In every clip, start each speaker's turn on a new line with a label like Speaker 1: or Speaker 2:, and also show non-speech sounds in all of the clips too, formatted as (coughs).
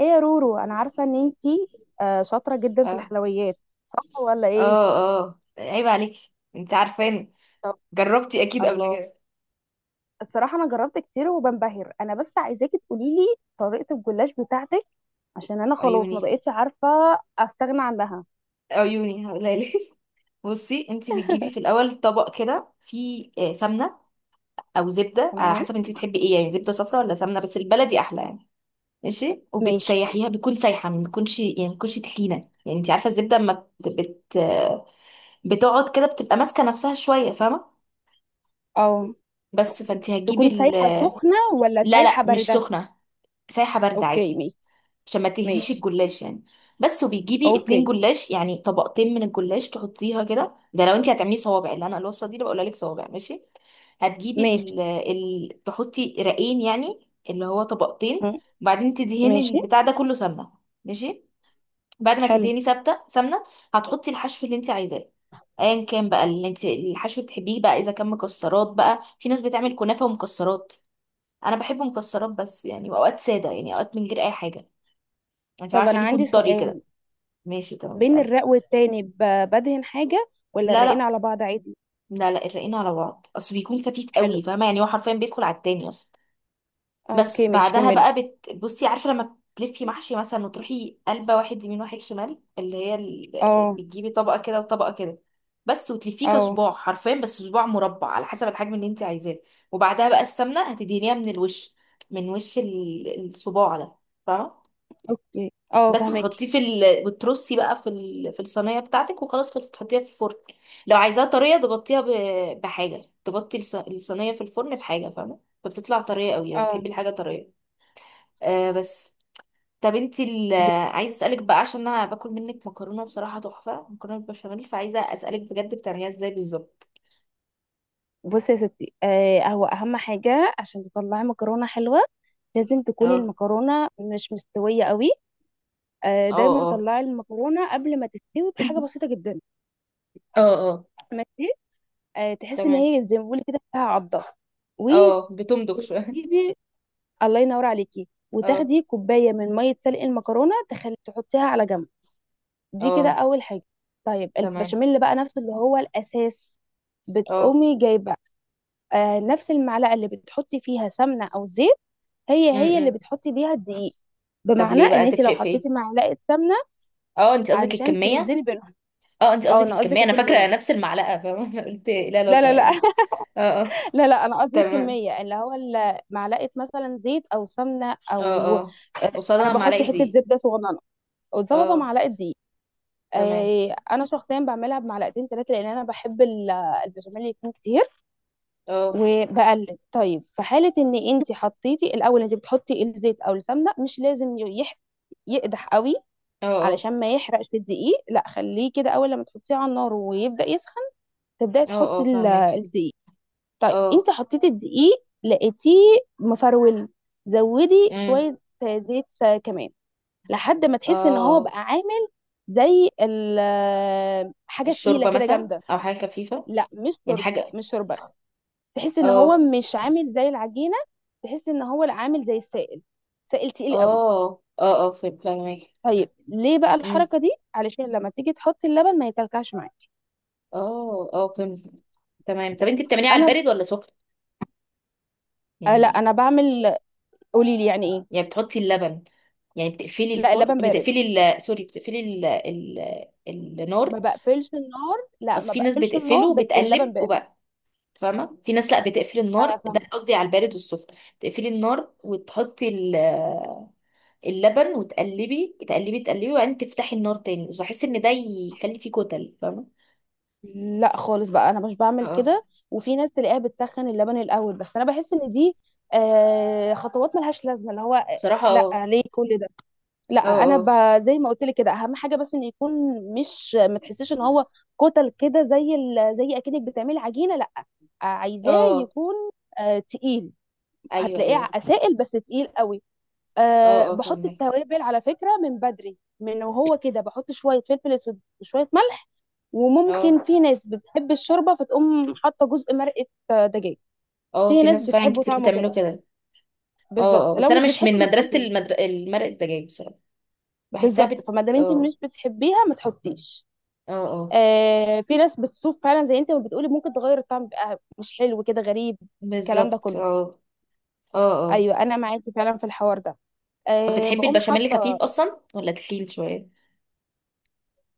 Speaker 1: ايه يا رورو، انا عارفه ان انتي شاطره جدا في
Speaker 2: اه
Speaker 1: الحلويات. صح ولا ايه؟
Speaker 2: اه اه عيب عليك. انت عارفاني.
Speaker 1: طب
Speaker 2: جربتي اكيد قبل
Speaker 1: الله،
Speaker 2: كده.
Speaker 1: الصراحه انا جربت كتير وبنبهر انا، بس عايزاكي تقولي لي طريقه الجلاش بتاعتك، عشان انا خلاص ما
Speaker 2: عيوني.
Speaker 1: بقتش عارفه استغنى عنها.
Speaker 2: عيوني هقولها. (laughs) بصي، انت بتجيبي في الاول طبق كده فيه سمنه او زبده، على
Speaker 1: تمام
Speaker 2: حسب انت بتحبي ايه، يعني زبده صفرا ولا سمنه، بس البلدي احلى يعني. ماشي.
Speaker 1: ماشي.
Speaker 2: وبتسيحيها، بيكون سايحه، ما بيكونش يعني، ما بيكونش تخينه. يعني انت عارفه الزبده اما بت... بت... آه، بتقعد كده، بتبقى ماسكه نفسها شويه، فاهمه.
Speaker 1: اه
Speaker 2: بس. فانت هتجيبي
Speaker 1: تكون
Speaker 2: ال...
Speaker 1: سايحه سخنه ولا
Speaker 2: لا لا،
Speaker 1: سايحه
Speaker 2: مش
Speaker 1: بارده؟
Speaker 2: سخنه. سايحه بارده
Speaker 1: اوكي
Speaker 2: عادي،
Speaker 1: ماشي.
Speaker 2: عشان ما تهريش
Speaker 1: ماشي
Speaker 2: الجلاش يعني. بس. وبيجيبي اتنين
Speaker 1: اوكي
Speaker 2: جلاش، يعني طبقتين من الجلاش، تحطيها كده. ده لو انت هتعملي صوابع اللي انا الوصفه دي اللي بقولها لك، صوابع ماشي. هتجيبي
Speaker 1: ماشي.
Speaker 2: تحطي رقين، يعني اللي هو طبقتين.
Speaker 1: م-
Speaker 2: وبعدين تدهني
Speaker 1: ماشي
Speaker 2: البتاع ده كله سمنه. ماشي. بعد ما
Speaker 1: حلو.
Speaker 2: تدهني ثابته سمنه، هتحطي الحشو اللي انت عايزاه، ايا كان بقى اللي انت الحشو اللي بتحبيه بقى. اذا كان مكسرات بقى، في ناس بتعمل كنافه ومكسرات. انا بحب مكسرات بس، يعني واوقات ساده يعني، اوقات من غير اي حاجه. مش عارفة،
Speaker 1: طب انا
Speaker 2: عشان يكون
Speaker 1: عندي
Speaker 2: طري كده.
Speaker 1: سؤال،
Speaker 2: ماشي تمام،
Speaker 1: بين
Speaker 2: اسألي.
Speaker 1: الرق والتاني بدهن حاجه ولا
Speaker 2: لا
Speaker 1: الرقين
Speaker 2: لا
Speaker 1: على بعض عادي؟
Speaker 2: لا لا، الرقين على بعض، اصل بيكون خفيف
Speaker 1: حلو
Speaker 2: قوي، فاهمه. يعني هو حرفيا بيدخل على التاني اصلا. بس
Speaker 1: اوكي ماشي
Speaker 2: بعدها
Speaker 1: كملي.
Speaker 2: بقى بصي، عارفه لما تلفي محشي مثلا، وتروحي قلبه، واحد يمين واحد شمال، اللي هي ال...
Speaker 1: اه
Speaker 2: بتجيبي طبقه كده وطبقه كده. بس. وتلفيه
Speaker 1: اه
Speaker 2: كصباع حرفيا، بس صباع مربع، على حسب الحجم اللي انت عايزاه. وبعدها بقى السمنه هتدهنيها من الوش، من وش الصباع ده، فاهمه.
Speaker 1: اوكي اه
Speaker 2: بس
Speaker 1: فهمك.
Speaker 2: تحطيه في ال... بترصي بقى في ال... في الصينيه بتاعتك، وخلاص خلصت تحطيها في الفرن. لو عايزاها طريه، تغطيها بحاجه تغطي الصينيه في الفرن، بحاجه، فاهمه. فبتطلع طريه قوي، لو
Speaker 1: اه
Speaker 2: بتحبي الحاجه طريه. بس. طب انتي ال...
Speaker 1: ب-
Speaker 2: عايزه اسالك بقى، عشان انا باكل منك مكرونه بصراحه تحفه، مكرونه بالبشاميل. فعايزه اسالك بجد، بتعمليها ازاي بالظبط؟
Speaker 1: بصي يا ستي، هو اهم حاجه عشان تطلعي مكرونه حلوه لازم تكون
Speaker 2: اه
Speaker 1: المكرونه مش مستويه قوي.
Speaker 2: اه
Speaker 1: دايما
Speaker 2: اه.
Speaker 1: طلعي المكرونه قبل ما تستوي بحاجه
Speaker 2: (coughs)
Speaker 1: بسيطه جدا.
Speaker 2: (laughs) اه اه.
Speaker 1: ماشي تحسي ان
Speaker 2: تمام.
Speaker 1: هي زي ما بقول كده فيها عضه.
Speaker 2: اه بتمضغ شويه. (laughs)
Speaker 1: وتجيبي الله ينور عليكي،
Speaker 2: اه
Speaker 1: وتاخدي كوبايه من ميه سلق المكرونه تخلي تحطيها على جنب. دي كده
Speaker 2: اه.
Speaker 1: اول حاجه. طيب
Speaker 2: تمام.
Speaker 1: البشاميل بقى نفسه اللي هو الاساس
Speaker 2: اه.
Speaker 1: بتقومي جايبه نفس المعلقه اللي بتحطي فيها سمنه او زيت، هي هي اللي
Speaker 2: امم.
Speaker 1: بتحطي بيها الدقيق.
Speaker 2: طب
Speaker 1: بمعنى
Speaker 2: ليه
Speaker 1: ان
Speaker 2: بقى
Speaker 1: انت لو
Speaker 2: تفرق في ايه؟
Speaker 1: حطيتي معلقه سمنه،
Speaker 2: اه انت قصدك
Speaker 1: علشان
Speaker 2: الكمية؟
Speaker 1: توزني بينهم.
Speaker 2: اه انت
Speaker 1: اه
Speaker 2: قصدك
Speaker 1: انا قصدي
Speaker 2: الكمية. انا فاكرة
Speaker 1: كميه.
Speaker 2: نفس المعلقة، فاهمة. (laughs) انا قلت ايه
Speaker 1: لا
Speaker 2: العلاقة
Speaker 1: لا لا
Speaker 2: يعني.
Speaker 1: (laughs)
Speaker 2: اه اه.
Speaker 1: لا لا، انا قصدي
Speaker 2: تمام.
Speaker 1: الكميه، اللي هو معلقه مثلا زيت او سمنه
Speaker 2: اه
Speaker 1: او
Speaker 2: اه،
Speaker 1: انا
Speaker 2: قصادها
Speaker 1: بحط
Speaker 2: معلقة
Speaker 1: حته
Speaker 2: دي.
Speaker 1: زبده صغننه وزبده
Speaker 2: اه.
Speaker 1: معلقه دقيق.
Speaker 2: تمام.
Speaker 1: انا شخصيا بعملها بمعلقتين ثلاثه، لان انا بحب البشاميل يكون كتير.
Speaker 2: اه
Speaker 1: وبقلب طيب. في حالة ان انت حطيتي الاول، انت بتحطي الزيت او السمنة مش لازم يقدح قوي،
Speaker 2: اه. اه
Speaker 1: علشان ما يحرقش الدقيق. لا خليه كده، اول لما تحطيه على النار ويبدأ يسخن تبدأي
Speaker 2: اه
Speaker 1: تحطي
Speaker 2: اه فاهمك.
Speaker 1: الدقيق. طيب
Speaker 2: اه.
Speaker 1: انت حطيتي الدقيق لقيتيه مفرول، زودي
Speaker 2: امم.
Speaker 1: شوية زيت كمان لحد ما
Speaker 2: اه
Speaker 1: تحسي ان هو
Speaker 2: اه.
Speaker 1: بقى عامل زي حاجة تقيلة
Speaker 2: الشوربة
Speaker 1: كده
Speaker 2: مثلا
Speaker 1: جامدة.
Speaker 2: او حاجة خفيفة.
Speaker 1: لا مش
Speaker 2: يعني
Speaker 1: شوربة،
Speaker 2: حاجة.
Speaker 1: مش شوربة. تحس ان هو
Speaker 2: اه
Speaker 1: مش عامل زي العجينه، تحس ان هو لا عامل زي السائل، سائل تقيل قوي.
Speaker 2: اه اه اه فاهمك.
Speaker 1: طيب ليه بقى
Speaker 2: امم.
Speaker 1: الحركه دي؟ علشان لما تيجي تحط اللبن ما يكلكعش معاك.
Speaker 2: اه اه فهمت. تمام. طب انت بتعمليها على
Speaker 1: انا
Speaker 2: البارد ولا سخن؟
Speaker 1: آه لا
Speaker 2: يعني،
Speaker 1: انا بعمل قولي لي يعني ايه؟
Speaker 2: يعني بتحطي اللبن، يعني بتقفلي
Speaker 1: لا
Speaker 2: الفرن،
Speaker 1: اللبن بارد،
Speaker 2: بتقفلي ال... سوري، بتقفلي ال... ال...
Speaker 1: ما
Speaker 2: النار.
Speaker 1: بقفلش النار، لا
Speaker 2: اصل
Speaker 1: ما
Speaker 2: في ناس
Speaker 1: بقفلش النار،
Speaker 2: بتقفله
Speaker 1: بس اللبن
Speaker 2: وبتقلب
Speaker 1: بارد.
Speaker 2: وبقى، فاهمه. في ناس لا بتقفل
Speaker 1: انا
Speaker 2: النار. ده
Speaker 1: فاهمه.
Speaker 2: قصدي على البارد والسخن. بتقفلي النار وتحطي ال... اللبن، وتقلبي تقلبي تقلبي، وبعدين تفتحي النار تاني، بس بحس ان ده يخلي فيه كتل، فاهمه.
Speaker 1: لا خالص بقى انا مش بعمل
Speaker 2: اه
Speaker 1: كده. وفي ناس تلاقيها بتسخن اللبن الاول، بس انا بحس ان دي خطوات ملهاش لازمه، اللي هو
Speaker 2: بصراحه.
Speaker 1: لا
Speaker 2: اه
Speaker 1: ليه كل ده. لا
Speaker 2: اه
Speaker 1: انا
Speaker 2: اه
Speaker 1: زي ما قلت لك كده، اهم حاجه بس ان يكون مش ما تحسيش ان هو كتل كده، زي زي اكنك بتعملي عجينه. لا عايزاه
Speaker 2: اه
Speaker 1: يكون تقيل،
Speaker 2: ايوه
Speaker 1: هتلاقيه
Speaker 2: ايوه
Speaker 1: سائل بس تقيل قوي.
Speaker 2: اه اه
Speaker 1: بحط
Speaker 2: فاهمك.
Speaker 1: التوابل على فكره من بدري، من وهو كده بحط شويه فلفل اسود وشويه ملح.
Speaker 2: اه
Speaker 1: وممكن في ناس بتحب الشوربه فتقوم حاطه جزء مرقه دجاج.
Speaker 2: اه
Speaker 1: في
Speaker 2: في
Speaker 1: ناس
Speaker 2: ناس فعلا
Speaker 1: بتحبه
Speaker 2: كتير
Speaker 1: طعمه
Speaker 2: بتعمله
Speaker 1: كده.
Speaker 2: كده. اه اه،
Speaker 1: بالظبط،
Speaker 2: بس
Speaker 1: لو
Speaker 2: انا
Speaker 1: مش
Speaker 2: مش من
Speaker 1: بتحبه ما
Speaker 2: مدرسة
Speaker 1: تحطيه.
Speaker 2: المرق الدجاج بصراحة. بحسها
Speaker 1: بالظبط،
Speaker 2: بت
Speaker 1: فما دام انت
Speaker 2: اه.
Speaker 1: مش بتحبيها ما تحطيش.
Speaker 2: اه اه
Speaker 1: في ناس بتسوق فعلا زي انت ما بتقولي، ممكن تغير الطعم بقى مش حلو كده غريب، الكلام ده
Speaker 2: بالظبط.
Speaker 1: كله.
Speaker 2: اه اه اه.
Speaker 1: ايوه انا معاكي فعلا في الحوار ده.
Speaker 2: طب بتحبي
Speaker 1: بقوم
Speaker 2: البشاميل
Speaker 1: حاطه،
Speaker 2: خفيف اصلا ولا تخين شوية؟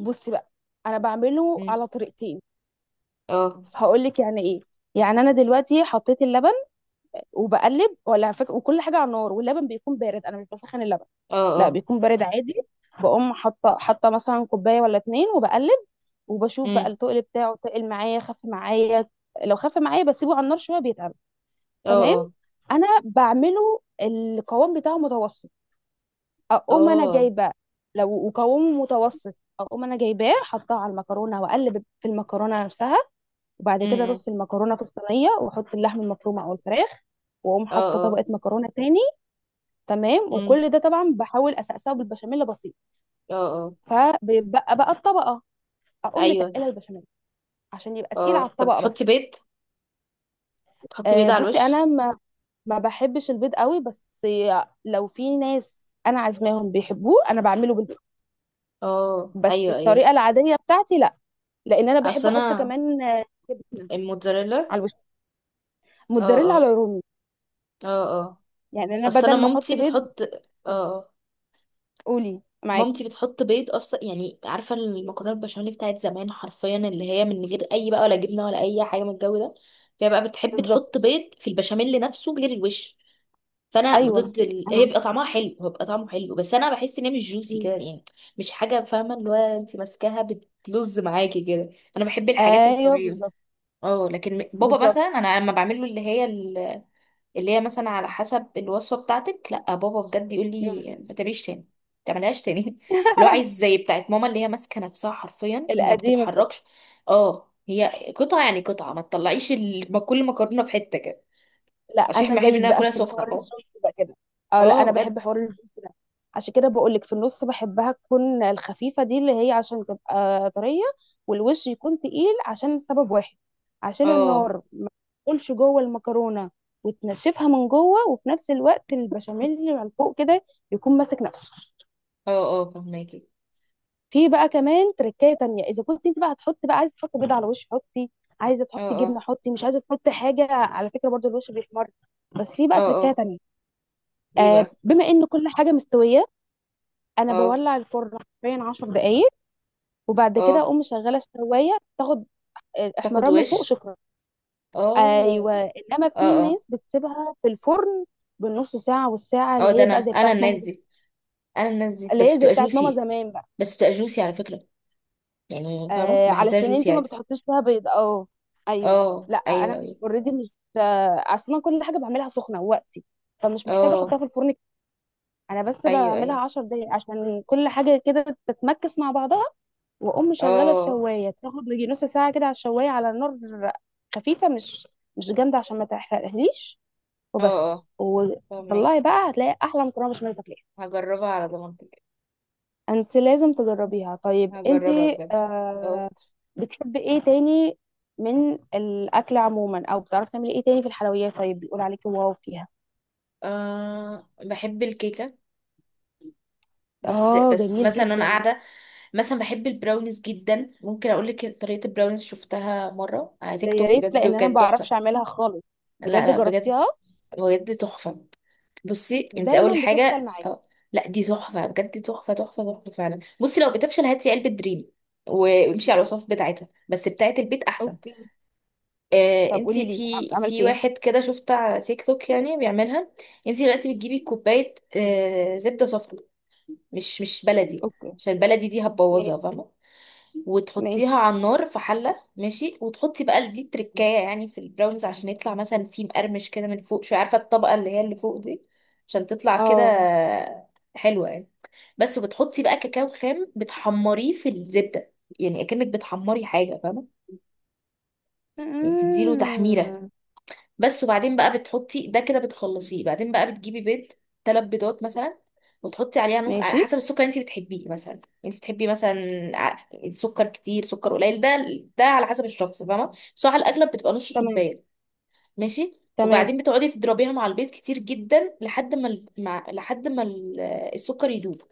Speaker 1: بصي بقى انا بعمله
Speaker 2: مم.
Speaker 1: على طريقتين،
Speaker 2: اه
Speaker 1: هقول لك يعني ايه. يعني انا دلوقتي حطيت اللبن وبقلب ولا على فكره، وكل حاجه على النار واللبن بيكون بارد، انا مش بسخن اللبن،
Speaker 2: اه.
Speaker 1: لا
Speaker 2: اه.
Speaker 1: بيكون بارد عادي. بقوم حاطه، حاطه مثلا كوبايه ولا اتنين وبقلب، وبشوف بقى
Speaker 2: مم.
Speaker 1: التقل بتاعه تقل معايا خف معايا. لو خف معايا بسيبه على النار شويه بيتقل.
Speaker 2: اه
Speaker 1: تمام.
Speaker 2: اه
Speaker 1: انا بعمله القوام بتاعه متوسط، اقوم انا
Speaker 2: اه.
Speaker 1: جايبه لو قوامه متوسط، اقوم انا جايباه حطاه على المكرونه واقلب في المكرونه نفسها. وبعد كده
Speaker 2: مم.
Speaker 1: ارص المكرونه في الصينيه واحط اللحم المفروم او الفراخ، واقوم
Speaker 2: اه
Speaker 1: حاطه
Speaker 2: اه.
Speaker 1: طبقه مكرونه تاني. تمام.
Speaker 2: مم.
Speaker 1: وكل ده طبعا بحاول اسقسه بالبشاميل بسيط،
Speaker 2: اه اه
Speaker 1: فبيبقى بقى الطبقه، اقوم
Speaker 2: ايوه
Speaker 1: متقله البشاميل عشان يبقى تقيل على
Speaker 2: اه. طب
Speaker 1: الطبقه بس.
Speaker 2: بتحطي بيض؟ بتحطي بيض
Speaker 1: أه
Speaker 2: على
Speaker 1: بصي
Speaker 2: الوش؟
Speaker 1: انا ما بحبش البيض قوي، بس لو في ناس انا عازماهم بيحبوه انا بعمله،
Speaker 2: اه
Speaker 1: بس
Speaker 2: ايوه ايوه.
Speaker 1: الطريقه العاديه بتاعتي لا، لان انا
Speaker 2: اصل
Speaker 1: بحب احط
Speaker 2: انا
Speaker 1: كمان جبنه
Speaker 2: الموتزاريلا.
Speaker 1: على الوش،
Speaker 2: اه
Speaker 1: موتزاريلا على
Speaker 2: اه
Speaker 1: رومي،
Speaker 2: اه اه.
Speaker 1: يعني انا
Speaker 2: اصل انا
Speaker 1: بدل ما احط
Speaker 2: مامتي
Speaker 1: بيض.
Speaker 2: بتحط اه. آه.
Speaker 1: قولي معاكي.
Speaker 2: مامتي بتحط بيض اصلا، يعني عارفه المكرونه البشاميل بتاعت زمان حرفيا، اللي هي من غير اي بقى، ولا جبنه ولا اي حاجه من الجو ده. فهي بقى بتحب
Speaker 1: بالظبط
Speaker 2: تحط بيض في البشاميل نفسه غير الوش. فانا
Speaker 1: ايوه
Speaker 2: ضد ال...
Speaker 1: انا
Speaker 2: هي
Speaker 1: عارفة.
Speaker 2: بيبقى طعمها حلو، هو بيبقى طعمه حلو، بس انا بحس ان هي مش جوسي كده
Speaker 1: مم.
Speaker 2: يعني، مش حاجه، فاهمه، اللي هو انت ماسكاها بتلز معاكي كده. انا بحب الحاجات
Speaker 1: ايوه
Speaker 2: الطريه.
Speaker 1: بالظبط.
Speaker 2: اه، لكن بابا
Speaker 1: بالظبط
Speaker 2: مثلا، انا لما بعمل له اللي هي، اللي هي مثلا على حسب الوصفة بتاعتك، لا بابا بجد يقول
Speaker 1: مم.
Speaker 2: لي ما تعمليش تاني، ما تعملهاش تاني. (laughs) اللي هو عايز زي بتاعت ماما، اللي هي ماسكة نفسها حرفيا ما
Speaker 1: القديمه.
Speaker 2: بتتحركش. اه، هي قطعة، يعني قطعة ما تطلعيش ما كل مكرونة في حتة كده.
Speaker 1: لا
Speaker 2: عشان احنا
Speaker 1: انا
Speaker 2: بنحب
Speaker 1: زيك
Speaker 2: ان انا
Speaker 1: بقى
Speaker 2: اكلها
Speaker 1: في
Speaker 2: سخنة
Speaker 1: الحوار
Speaker 2: اه.
Speaker 1: الجوس بقى كده. اه لا
Speaker 2: اه
Speaker 1: انا بحب
Speaker 2: بجد.
Speaker 1: حوار الجوس ده. عشان كده بقول لك في النص بحبها تكون الخفيفه دي اللي هي عشان تبقى طريه، والوش يكون تقيل عشان سبب واحد، عشان
Speaker 2: اه
Speaker 1: النار ما تدخلش جوه المكرونه وتنشفها من جوه، وفي نفس الوقت البشاميل اللي من فوق كده يكون ماسك نفسه.
Speaker 2: اه اه فهماكي.
Speaker 1: في بقى كمان تركايه تانية، اذا كنت انت بقى هتحطي بقى عايزه تحطي بيض على الوش حطي، عايزه
Speaker 2: اه
Speaker 1: تحطي
Speaker 2: اه
Speaker 1: جبنه حطي، مش عايزه تحطي حاجه على فكره برضو الوش بيحمر. بس في
Speaker 2: اه
Speaker 1: بقى تركايه
Speaker 2: اه.
Speaker 1: تانية.
Speaker 2: ايه بقى؟
Speaker 1: بما ان كل حاجه مستويه، انا
Speaker 2: اه
Speaker 1: بولع الفرن حرفيا 10 دقائق، وبعد كده
Speaker 2: اه.
Speaker 1: اقوم مشغله الشوايه تاخد
Speaker 2: تاخد
Speaker 1: الاحمرار من فوق.
Speaker 2: وش؟
Speaker 1: شكرا.
Speaker 2: اه
Speaker 1: ايوه انما في
Speaker 2: اه اه.
Speaker 1: ناس بتسيبها في الفرن بالنص ساعه والساعه،
Speaker 2: اه
Speaker 1: اللي
Speaker 2: ده
Speaker 1: هي
Speaker 2: انا
Speaker 1: بقى زي
Speaker 2: انا
Speaker 1: بتاعت ماما
Speaker 2: الناس
Speaker 1: زمان.
Speaker 2: دي، انا الناس دي
Speaker 1: اللي
Speaker 2: بس
Speaker 1: هي زي
Speaker 2: بتبقى
Speaker 1: بتاعت ماما
Speaker 2: جوسي،
Speaker 1: زمان بقى.
Speaker 2: بس بتبقى جوسي على فكرة، يعني فاهمة بحسها
Speaker 1: علشان انت
Speaker 2: جوسي
Speaker 1: ما
Speaker 2: عادي.
Speaker 1: بتحطيش فيها بيض اه. ايوه
Speaker 2: اه
Speaker 1: لا
Speaker 2: ايوه
Speaker 1: انا
Speaker 2: ايوه.
Speaker 1: اوريدي مش اصلا كل حاجه بعملها سخنه وقتي، فمش محتاجه
Speaker 2: اه
Speaker 1: احطها في الفرن. انا بس
Speaker 2: ايوه
Speaker 1: بعملها
Speaker 2: ايوه.
Speaker 1: 10 دقايق عشان كل حاجه كده تتمكس مع بعضها. واقوم مشغله
Speaker 2: اه
Speaker 1: الشوايه تاخد يجي نص ساعه كده على الشوايه على نار خفيفه، مش جامده عشان ما تحرقهاليش.
Speaker 2: اه اه
Speaker 1: وبس
Speaker 2: فاهمك.
Speaker 1: وطلعي بقى هتلاقي احلى مكرونه بشاميل تاكليها.
Speaker 2: هجربها على ضمانتك.
Speaker 1: انت لازم تجربيها. طيب انت
Speaker 2: هجربها بجد. اه.
Speaker 1: آه بتحبي ايه تاني من الاكل عموما؟ او بتعرفي تعملي ايه تاني في الحلويات؟ طيب بيقول عليكي واو فيها.
Speaker 2: بحب الكيكة. بس
Speaker 1: اه
Speaker 2: بس
Speaker 1: جميل
Speaker 2: مثلا انا
Speaker 1: جدا.
Speaker 2: قاعدة، مثلا بحب البراونيز جدا. ممكن اقول لك طريقة البراونيز، شفتها مرة على
Speaker 1: ده
Speaker 2: تيك
Speaker 1: يا
Speaker 2: توك
Speaker 1: ريت،
Speaker 2: بجد،
Speaker 1: لان انا ما
Speaker 2: وكانت
Speaker 1: بعرفش
Speaker 2: تحفة.
Speaker 1: اعملها خالص.
Speaker 2: لا
Speaker 1: بجد
Speaker 2: لا بجد،
Speaker 1: جربتيها؟
Speaker 2: بجد تحفة. بصي انت
Speaker 1: دايما
Speaker 2: اول
Speaker 1: بتفشل
Speaker 2: حاجه
Speaker 1: معايا.
Speaker 2: لا دي تحفه بجد، تحفه تحفه تحفه فعلا. بصي لو بتفشل، هاتي علبه دريم، وامشي على الوصف بتاعتها، بس بتاعت البيت احسن.
Speaker 1: اوكي.
Speaker 2: آه
Speaker 1: طب
Speaker 2: انت
Speaker 1: قولي لي،
Speaker 2: في في
Speaker 1: عملتي
Speaker 2: واحد
Speaker 1: ايه؟
Speaker 2: كده شفت على تيك توك يعني بيعملها. انت دلوقتي بتجيبي كوبايه زبده صفرا، مش بلدي،
Speaker 1: اوكي
Speaker 2: عشان البلدي دي هتبوظها
Speaker 1: ماشي.
Speaker 2: فاهمه. وتحطيها
Speaker 1: ماشي
Speaker 2: على النار في حله، ماشي. وتحطي بقى دي تركايه، يعني في البراونيز، عشان يطلع مثلا فيه مقرمش كده من فوق شويه، عارفه الطبقه اللي هي اللي فوق دي، عشان تطلع كده
Speaker 1: اه.
Speaker 2: حلوه يعني. بس. وبتحطي بقى كاكاو خام، بتحمريه في الزبده، يعني اكنك بتحمري حاجه فاهمه، يعني تديله تحميره.
Speaker 1: مم.
Speaker 2: بس. وبعدين بقى بتحطي ده كده بتخلصيه، بعدين بقى بتجيبي بيض، ثلاث بيضات مثلا. وتحطي عليها نص، على
Speaker 1: ماشي
Speaker 2: حسب السكر اللي انت بتحبيه، مثلا انت بتحبي مثلا سكر كتير سكر قليل ده، ده على حسب الشخص فاهمه. بس هو على الاغلب بتبقى نص
Speaker 1: تمام.
Speaker 2: كوبايه. ماشي.
Speaker 1: تمام
Speaker 2: وبعدين بتقعدي تضربيها مع البيض كتير جدا، لحد ما السكر يدوب،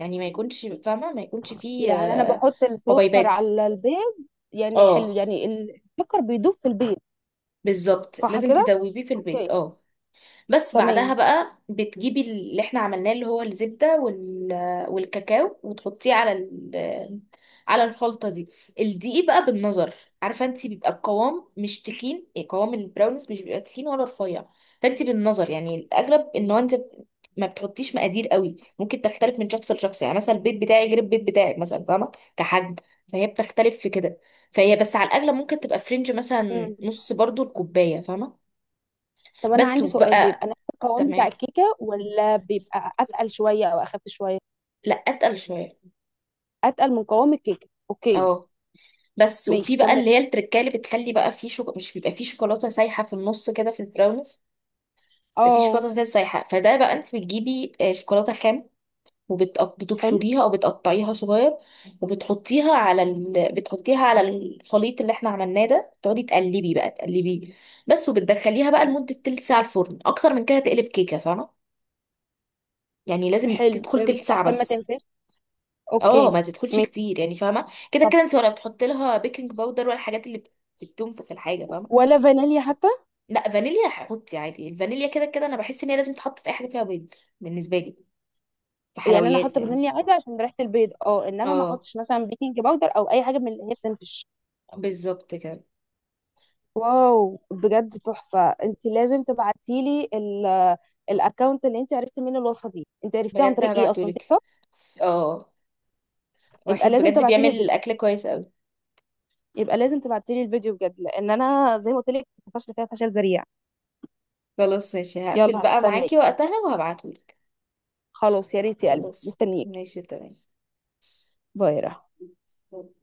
Speaker 2: يعني ما يكونش فاهمه، ما يكونش فيه
Speaker 1: يعني انا بحط السكر
Speaker 2: حبيبات.
Speaker 1: على البيض، يعني حلو
Speaker 2: اه،
Speaker 1: يعني السكر بيدوب في البيض.
Speaker 2: بالظبط
Speaker 1: صح
Speaker 2: لازم
Speaker 1: كده؟
Speaker 2: تدوبيه في البيض.
Speaker 1: اوكي
Speaker 2: اه. بس بعدها
Speaker 1: تمام.
Speaker 2: بقى بتجيبي اللي احنا عملناه، اللي هو الزبدة وال... والكاكاو، وتحطيه على ال... على الخلطة دي. الدقيق بقى بالنظر، عارفة انت بيبقى القوام مش تخين، يعني قوام البراونيز مش بيبقى تخين ولا رفيع. فانت بالنظر يعني، الاغلب ان هو انت ما بتحطيش مقادير قوي، ممكن تختلف من شخص لشخص، يعني مثلا البيت بتاعي غير البيت بتاعك مثلا، فاهمة، كحجم، فهي بتختلف في كده. فهي بس على الاغلب ممكن تبقى فرنج، مثلا
Speaker 1: مم.
Speaker 2: نص برضو الكوباية، فاهمة.
Speaker 1: طب انا
Speaker 2: بس
Speaker 1: عندي سؤال،
Speaker 2: وبقى
Speaker 1: بيبقى نفس القوام بتاع
Speaker 2: تمام.
Speaker 1: الكيكه ولا بيبقى اتقل شويه او اخف شويه؟
Speaker 2: لا اتقل شويه.
Speaker 1: اتقل من قوام الكيكه اوكي.
Speaker 2: اه. بس. وفي
Speaker 1: ماشي
Speaker 2: بقى
Speaker 1: كمل.
Speaker 2: اللي هي التركايه اللي بتخلي بقى فيه مش بيبقى فيه شوكولاته سايحه في النص كده في البراونيز. بيبقى فيه
Speaker 1: اه
Speaker 2: شوكولاته كده سايحه. فده بقى انت بتجيبي شوكولاته خام،
Speaker 1: حلو.
Speaker 2: وبتبشريها او بتقطعيها صغير، وبتحطيها على ال... بتحطيها على الخليط اللي احنا عملناه ده، تقعدي تقلبي بقى تقلبي. بس. وبتدخليها بقى لمده تلت ساعه الفرن، اكتر من كده تقلب كيكه فاهمه، يعني لازم
Speaker 1: حلو
Speaker 2: تدخل
Speaker 1: فهمت
Speaker 2: تلت ساعه
Speaker 1: عشان ما
Speaker 2: بس.
Speaker 1: تنفش.
Speaker 2: اه،
Speaker 1: اوكي
Speaker 2: ما تدخلش
Speaker 1: ماشي.
Speaker 2: كتير يعني فاهمه، كده
Speaker 1: طب
Speaker 2: كده انت ولا بتحط لها بيكنج باودر، ولا الحاجات اللي بتنفخ الحاجه، فاهمه.
Speaker 1: ولا فانيليا حتى؟
Speaker 2: لا، فانيليا هحط عادي، الفانيليا كده كده انا بحس ان هي لازم تتحط في اي حاجه فيها بيض، بالنسبه لي، في
Speaker 1: يعني انا
Speaker 2: حلويات
Speaker 1: احط
Speaker 2: يعني.
Speaker 1: فانيليا عادي عشان ريحه البيض اه، انما ما
Speaker 2: اه،
Speaker 1: احطش مثلا بيكنج باودر او اي حاجه من اللي هي بتنفش.
Speaker 2: بالظبط كده.
Speaker 1: واو بجد تحفه، انت لازم تبعتي لي الاكونت اللي انت عرفتي منه الوصفه دي. انت عرفتيها عن
Speaker 2: بجد
Speaker 1: طريق ايه اصلا، تيك
Speaker 2: هبعتهولك.
Speaker 1: توك؟
Speaker 2: اه. واحد
Speaker 1: يبقى لازم
Speaker 2: بجد
Speaker 1: تبعتي لي
Speaker 2: بيعمل
Speaker 1: الفيديو.
Speaker 2: اكل كويس قوي.
Speaker 1: يبقى لازم تبعتي لي الفيديو بجد، لان انا زي ما قلت لك فاشله فيها فشل ذريع.
Speaker 2: خلاص ماشي،
Speaker 1: يلا
Speaker 2: هقفل بقى
Speaker 1: هستناك.
Speaker 2: معاكي وقتها وهبعتهولك.
Speaker 1: خلاص يا ريت يا قلبي،
Speaker 2: خلاص.
Speaker 1: مستنيك.
Speaker 2: ماشي.
Speaker 1: باي يا رحمة.
Speaker 2: تمام.